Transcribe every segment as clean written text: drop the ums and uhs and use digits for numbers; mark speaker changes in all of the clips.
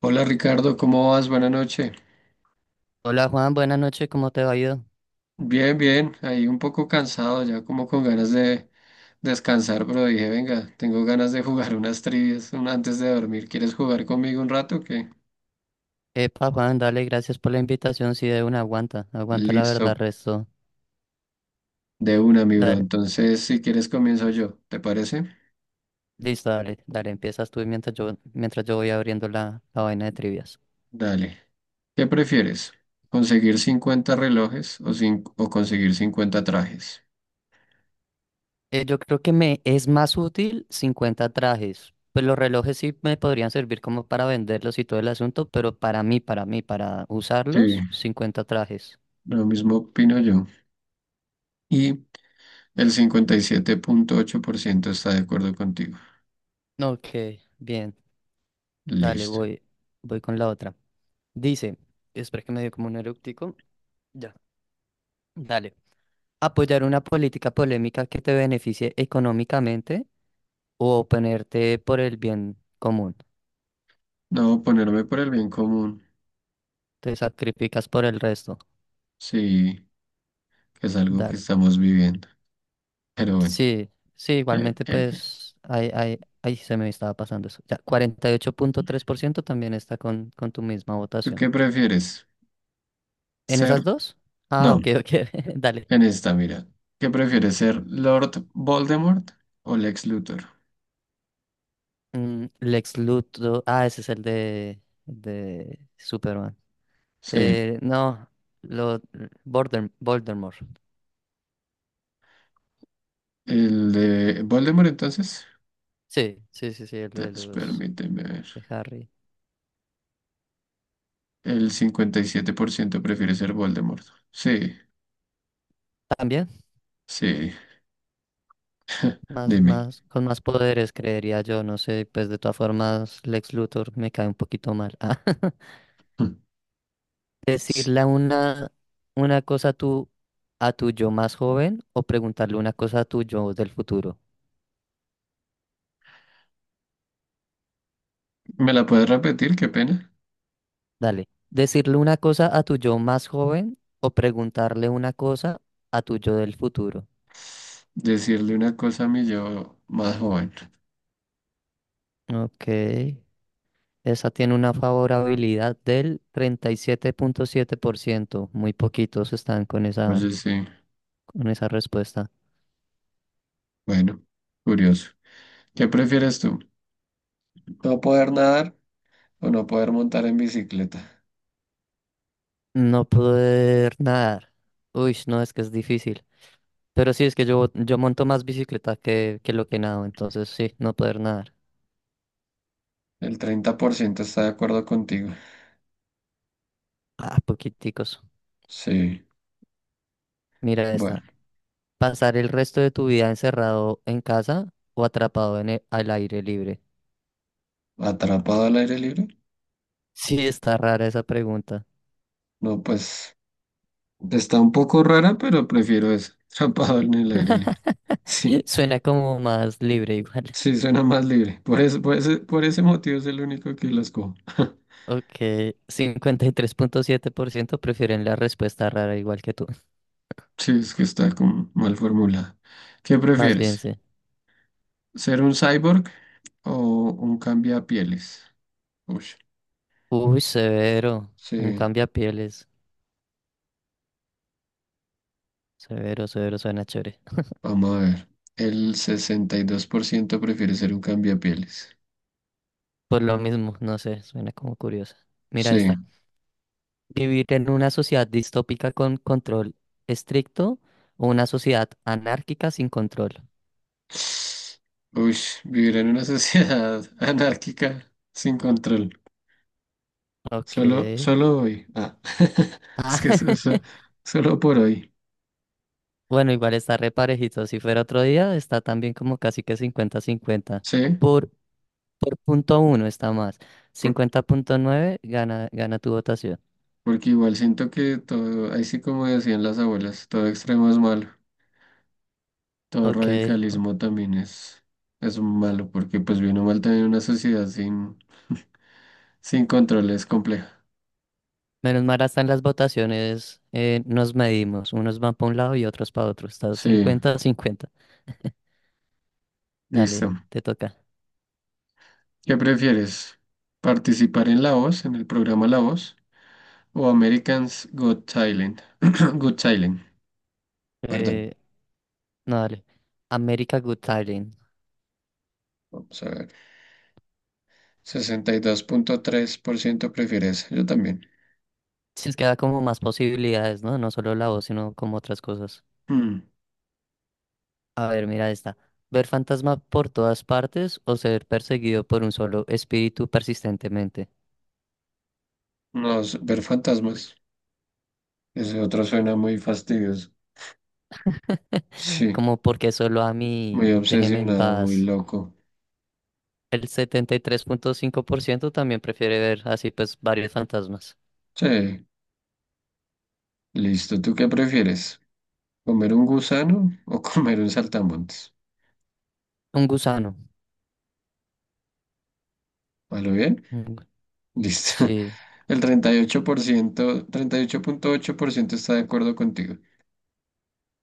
Speaker 1: Hola Ricardo, ¿cómo vas? Buenas noches.
Speaker 2: Hola Juan, buenas noches, ¿cómo te va ido?
Speaker 1: Bien, bien, ahí un poco cansado, ya como con ganas de descansar, pero dije, venga, tengo ganas de jugar unas trivias antes de dormir. ¿Quieres jugar conmigo un rato? ¿Qué?
Speaker 2: Epa Juan, dale, gracias por la invitación, si de una aguanta, aguanta la
Speaker 1: Listo,
Speaker 2: verdad, resto.
Speaker 1: de una, mi bro.
Speaker 2: Dale,
Speaker 1: Entonces, si quieres, comienzo yo, ¿te parece?
Speaker 2: listo, dale, dale, empiezas tú mientras yo voy abriendo la vaina de trivias.
Speaker 1: Dale. ¿Qué prefieres? ¿Conseguir 50 relojes o, o conseguir 50 trajes?
Speaker 2: Yo creo que me es más útil 50 trajes, pues los relojes sí me podrían servir como para venderlos y todo el asunto, pero para mí, para
Speaker 1: Sí,
Speaker 2: usarlos, 50 trajes.
Speaker 1: lo mismo opino yo. Y el 57,8% está de acuerdo contigo.
Speaker 2: Ok, bien, dale,
Speaker 1: Listo.
Speaker 2: voy con la otra. Dice, espera que me dio como un eructico. Ya. Dale. Apoyar una política polémica que te beneficie económicamente o oponerte por el bien común.
Speaker 1: No, ponerme por el bien común,
Speaker 2: Te sacrificas por el resto.
Speaker 1: sí, que es algo que
Speaker 2: Dale.
Speaker 1: estamos viviendo. Pero bueno,
Speaker 2: Sí, sí,
Speaker 1: eh,
Speaker 2: igualmente
Speaker 1: eh, eh.
Speaker 2: pues ahí se me estaba pasando eso. Ya, 48,3% también está con tu misma
Speaker 1: ¿Tú
Speaker 2: votación.
Speaker 1: qué prefieres?
Speaker 2: ¿En
Speaker 1: ¿Ser?
Speaker 2: esas dos? Ah,
Speaker 1: No,
Speaker 2: ok, ok, dale.
Speaker 1: en esta, mira. ¿Qué prefieres ser Lord Voldemort o Lex Luthor?
Speaker 2: Mm, Lex Luthor, ah, ese es el de Superman.
Speaker 1: Sí,
Speaker 2: No, lo, Voldemort.
Speaker 1: el de Voldemort entonces.
Speaker 2: Sí, sí, sí, sí, el de
Speaker 1: Entonces,
Speaker 2: los
Speaker 1: permíteme ver.
Speaker 2: de Harry.
Speaker 1: El 57% prefiere ser Voldemort. Sí,
Speaker 2: También,
Speaker 1: sí,
Speaker 2: más,
Speaker 1: dime.
Speaker 2: más, con más poderes, creería yo, no sé, pues de todas formas, Lex Luthor me cae un poquito mal. Ah,
Speaker 1: Sí.
Speaker 2: decirle una cosa a tu yo más joven o preguntarle una cosa a tu yo del futuro.
Speaker 1: ¿Me la puedes repetir? Qué pena.
Speaker 2: Dale. Decirle una cosa a tu yo más joven o preguntarle una cosa a tu yo del futuro.
Speaker 1: Decirle una cosa a mi yo más joven.
Speaker 2: Ok. Esa tiene una favorabilidad del treinta y siete punto siete por ciento. Muy poquitos están con
Speaker 1: Oye,
Speaker 2: esa,
Speaker 1: sí.
Speaker 2: con esa respuesta.
Speaker 1: Bueno, curioso. ¿Qué prefieres tú? ¿No poder nadar o no poder montar en bicicleta?
Speaker 2: No poder nadar. Uy, no, es que es difícil. Pero sí, es que yo monto más bicicleta que lo que nado. Entonces sí, no poder nadar.
Speaker 1: El 30% está de acuerdo contigo.
Speaker 2: Ah, poquiticos.
Speaker 1: Sí,
Speaker 2: Mira
Speaker 1: bueno,
Speaker 2: esta. Pasar el resto de tu vida encerrado en casa o atrapado al aire libre.
Speaker 1: atrapado al aire libre.
Speaker 2: Sí, está rara esa pregunta.
Speaker 1: No, pues está un poco rara, pero prefiero eso. Atrapado en el aire libre. Sí,
Speaker 2: Suena como más libre igual.
Speaker 1: sí, suena más libre. Por eso, por ese motivo es el único que las cojo.
Speaker 2: Ok, 53.7% prefieren la respuesta rara igual que tú.
Speaker 1: Sí, es que está como mal formulada. ¿Qué
Speaker 2: Más bien,
Speaker 1: prefieres?
Speaker 2: sí.
Speaker 1: ¿Ser un cyborg o un cambiapieles? Uy,
Speaker 2: Uy, severo. Un
Speaker 1: sí.
Speaker 2: cambiapieles. Severo, severo, suena chévere.
Speaker 1: Vamos a ver. El 62% prefiere ser un cambiapieles.
Speaker 2: Por lo mismo, no sé, suena como curiosa. Mira
Speaker 1: Sí.
Speaker 2: esta. ¿Vivir en una sociedad distópica con control estricto o una sociedad anárquica sin control?
Speaker 1: Uy, vivir en una sociedad anárquica sin control.
Speaker 2: Ok.
Speaker 1: Solo hoy. Ah, es
Speaker 2: Ah,
Speaker 1: que solo por hoy.
Speaker 2: bueno, igual está re parejito. Si fuera otro día, está también como casi que 50-50.
Speaker 1: Sí,
Speaker 2: Por Por punto uno está más.
Speaker 1: por-
Speaker 2: Cincuenta punto nueve gana tu votación.
Speaker 1: porque igual siento que todo, ahí sí como decían las abuelas, todo extremo es malo. Todo
Speaker 2: Ok.
Speaker 1: radicalismo también es malo, porque pues bien o mal también una sociedad sin control es compleja.
Speaker 2: Menos mal hasta en las votaciones nos medimos. Unos van para un lado y otros para otro. Estás
Speaker 1: Sí,
Speaker 2: 50 cincuenta. Dale,
Speaker 1: listo.
Speaker 2: te toca.
Speaker 1: ¿Qué prefieres? ¿Participar en La Voz, en el programa La Voz, o Americans Got Talent? Got Talent, perdón.
Speaker 2: Eh, no, dale. America Good Talent.
Speaker 1: Vamos a ver. 62,3% prefiere esa. Yo también.
Speaker 2: Si es que da como más posibilidades, ¿no? No solo la voz, sino como otras cosas.
Speaker 1: Hmm.
Speaker 2: A ver, mira esta. Ver fantasma por todas partes o ser perseguido por un solo espíritu persistentemente.
Speaker 1: No, ver fantasmas. Ese otro suena muy fastidioso. Sí,
Speaker 2: Como porque solo a
Speaker 1: muy
Speaker 2: mí, déjeme en
Speaker 1: obsesionado, muy
Speaker 2: paz.
Speaker 1: loco.
Speaker 2: El 73,5% también prefiere ver así pues varios fantasmas.
Speaker 1: Sí, listo. ¿Tú qué prefieres? ¿Comer un gusano o comer un saltamontes?
Speaker 2: Un gusano.
Speaker 1: ¿A bien?
Speaker 2: un gu- sí,
Speaker 1: Listo. El treinta treinta y ocho ocho ocho por ciento 38,8% está de acuerdo contigo.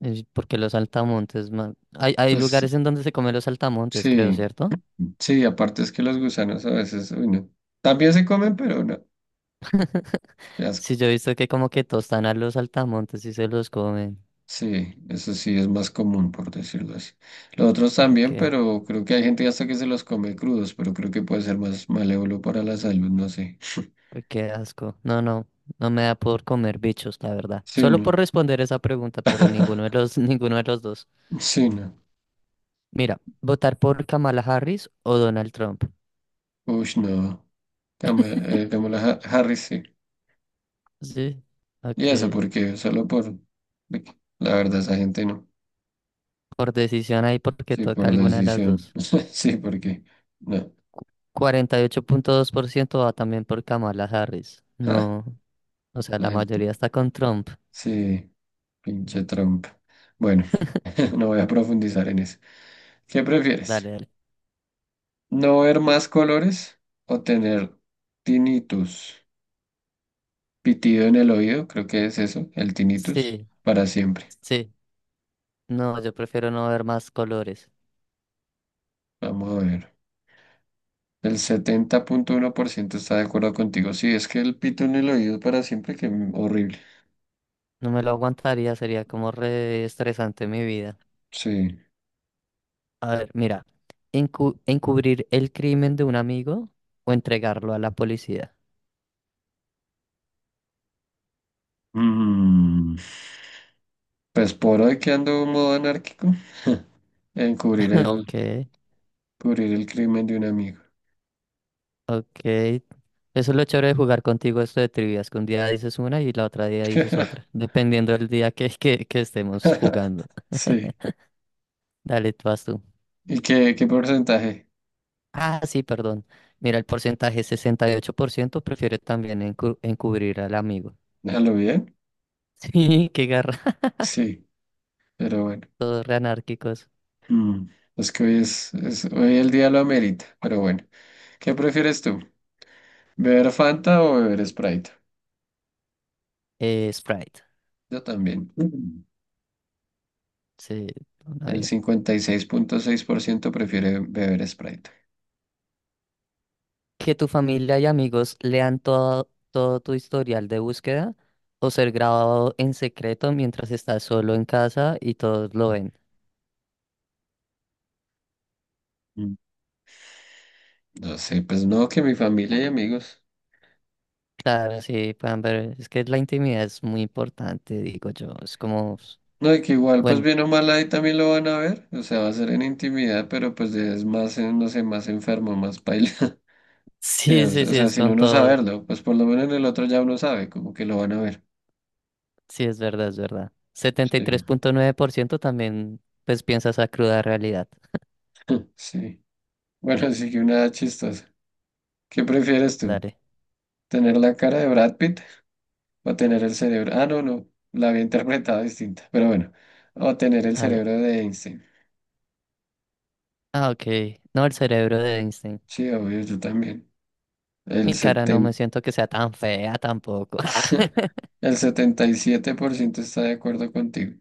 Speaker 2: es porque los saltamontes, man. Hay
Speaker 1: Pues
Speaker 2: lugares en donde se comen los saltamontes, creo,
Speaker 1: sí,
Speaker 2: ¿cierto?
Speaker 1: sí, aparte es que los gusanos a veces, uy, no. También se comen, pero no, qué asco.
Speaker 2: Sí, yo he visto que como que tostan a los saltamontes y se los comen.
Speaker 1: Sí, eso sí es más común, por decirlo así. Los otros
Speaker 2: Ok,
Speaker 1: también, pero creo que hay gente hasta que se los come crudos, pero creo que puede ser más malévolo para la salud, no sé.
Speaker 2: uy, qué asco. No, no, no me da por comer bichos, la verdad.
Speaker 1: Sí,
Speaker 2: Solo por
Speaker 1: no.
Speaker 2: responder esa pregunta, pero ninguno de los, ninguno de los dos.
Speaker 1: Sí, no.
Speaker 2: Mira, ¿votar por Kamala Harris o Donald Trump?
Speaker 1: Uy, no. Kamala, Kamala Harris, sí.
Speaker 2: Sí,
Speaker 1: Y
Speaker 2: ok.
Speaker 1: eso, porque solo por... La verdad, esa gente no.
Speaker 2: Por decisión ahí porque
Speaker 1: Sí,
Speaker 2: toca
Speaker 1: por
Speaker 2: alguna de las
Speaker 1: decisión.
Speaker 2: dos.
Speaker 1: Sí, porque no.
Speaker 2: 48.2% va también por Kamala Harris.
Speaker 1: Ah,
Speaker 2: No, o sea,
Speaker 1: la
Speaker 2: la
Speaker 1: gente.
Speaker 2: mayoría está con Trump.
Speaker 1: Sí, pinche trampa. Bueno, no voy a profundizar en eso. ¿Qué prefieres?
Speaker 2: Dale, dale.
Speaker 1: ¿No ver más colores o tener tinnitus? Pitido en el oído, creo que es eso, el tinnitus,
Speaker 2: Sí,
Speaker 1: para siempre.
Speaker 2: sí. No, yo prefiero no ver más colores.
Speaker 1: Vamos a ver. El 70,1% está de acuerdo contigo. Sí, es que el pito en el oído para siempre, que horrible.
Speaker 2: No me lo aguantaría, sería como re estresante mi vida.
Speaker 1: Sí.
Speaker 2: A ver, mira, encubrir el crimen de un amigo o entregarlo a la policía.
Speaker 1: Mm, Pues por hoy que ando modo anárquico. Encubrir el,
Speaker 2: Ok,
Speaker 1: cubrir el crimen de un amigo.
Speaker 2: ok. Eso es lo chévere de jugar contigo esto de trivias, que un día dices una y la otra día dices otra, dependiendo del día que estemos jugando.
Speaker 1: Sí.
Speaker 2: Dale, tú vas tú.
Speaker 1: ¿Y qué porcentaje?
Speaker 2: Ah, sí, perdón. Mira, el porcentaje, 68% prefiere también encubrir al amigo.
Speaker 1: ¿Déjalo bien?
Speaker 2: Sí, qué garra.
Speaker 1: Sí, pero bueno.
Speaker 2: Todos re anárquicos.
Speaker 1: Mm, Es que hoy es, hoy el día lo amerita, pero bueno. ¿Qué prefieres tú? ¿Beber Fanta o beber Sprite?
Speaker 2: Sprite.
Speaker 1: Yo también. Mm.
Speaker 2: Sí, toda una
Speaker 1: El
Speaker 2: vida.
Speaker 1: 56,6% prefiere beber Sprite.
Speaker 2: Que tu familia y amigos lean todo tu historial de búsqueda o ser grabado en secreto mientras estás solo en casa y todos lo ven.
Speaker 1: Mm. No sé, pues no, que mi familia y amigos.
Speaker 2: Claro, sí, puedan ver, es que la intimidad es muy importante, digo yo, es como,
Speaker 1: No, y que igual, pues
Speaker 2: bueno,
Speaker 1: bien o mal ahí también lo van a ver, o sea, va a ser en intimidad, pero pues es más, no sé, más enfermo, más paila, que,
Speaker 2: sí,
Speaker 1: o
Speaker 2: sí,
Speaker 1: sea, o
Speaker 2: sí,
Speaker 1: sea,
Speaker 2: es
Speaker 1: sin
Speaker 2: con
Speaker 1: uno
Speaker 2: todo,
Speaker 1: saberlo, pues por lo menos en el otro ya uno sabe, como que lo van a ver.
Speaker 2: sí, es verdad, es verdad. setenta y
Speaker 1: Sí,
Speaker 2: tres punto nueve por ciento también, pues, piensa esa cruda realidad.
Speaker 1: sí. Bueno, así que una chistosa. ¿Qué prefieres tú?
Speaker 2: Dale.
Speaker 1: ¿Tener la cara de Brad Pitt o tener el cerebro? Ah, no, no, la había interpretado distinta, pero bueno, o tener el
Speaker 2: al-
Speaker 1: cerebro de Einstein.
Speaker 2: Ah, ok, no el cerebro de Einstein.
Speaker 1: Sí, obvio, yo también.
Speaker 2: Mi
Speaker 1: El
Speaker 2: cara no me
Speaker 1: seten
Speaker 2: siento que sea tan fea tampoco.
Speaker 1: El 77% está de acuerdo contigo.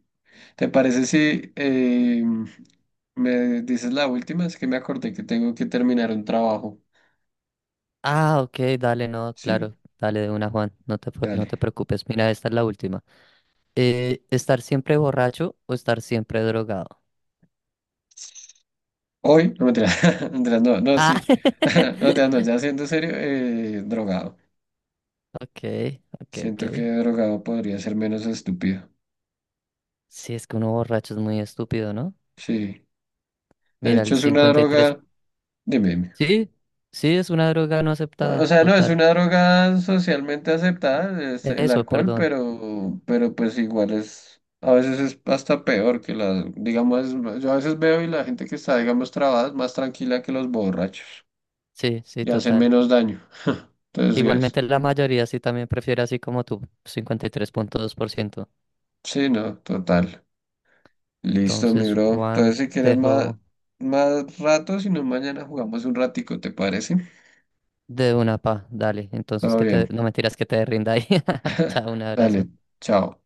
Speaker 1: ¿Te parece si me dices la última? Es que me acordé que tengo que terminar un trabajo.
Speaker 2: Ah, ok, dale, no,
Speaker 1: Sí,
Speaker 2: claro, dale de una, Juan, no te
Speaker 1: dale.
Speaker 2: preocupes, mira, esta es la última. ¿Estar siempre borracho o estar siempre drogado?
Speaker 1: Hoy, no mentiras, mentiras, no, no,
Speaker 2: Ah,
Speaker 1: sí. No, mentiras, no, ya siendo serio, drogado.
Speaker 2: ok, ok, ok.
Speaker 1: Siento que drogado podría ser menos estúpido.
Speaker 2: Sí, es que uno borracho es muy estúpido, ¿no?
Speaker 1: Sí. De
Speaker 2: Mira,
Speaker 1: hecho,
Speaker 2: el
Speaker 1: es una
Speaker 2: 53.
Speaker 1: droga. Dime, dime.
Speaker 2: Sí, sí, es una droga no
Speaker 1: O
Speaker 2: aceptada,
Speaker 1: sea, no es
Speaker 2: total.
Speaker 1: una droga socialmente aceptada, es el
Speaker 2: Eso,
Speaker 1: alcohol,
Speaker 2: perdón.
Speaker 1: pero pues igual es, a veces es hasta peor que la digamos, yo a veces veo y la gente que está, digamos, trabada es más tranquila que los borrachos
Speaker 2: Sí, sí,
Speaker 1: y hacen
Speaker 2: total.
Speaker 1: menos daño. Entonces, sí,
Speaker 2: Igualmente la mayoría sí también prefiere así como tú, 53,2%.
Speaker 1: sí, no, total. Listo, mi
Speaker 2: Entonces,
Speaker 1: bro. Entonces,
Speaker 2: Juan,
Speaker 1: si
Speaker 2: te
Speaker 1: quieres más,
Speaker 2: dejo
Speaker 1: más rato, si no, mañana jugamos un ratico, ¿te parece?
Speaker 2: de una pa, dale. Entonces,
Speaker 1: Todo
Speaker 2: que te...
Speaker 1: bien.
Speaker 2: No mentiras que te rinda ahí. Chao, un abrazo.
Speaker 1: Dale, chao.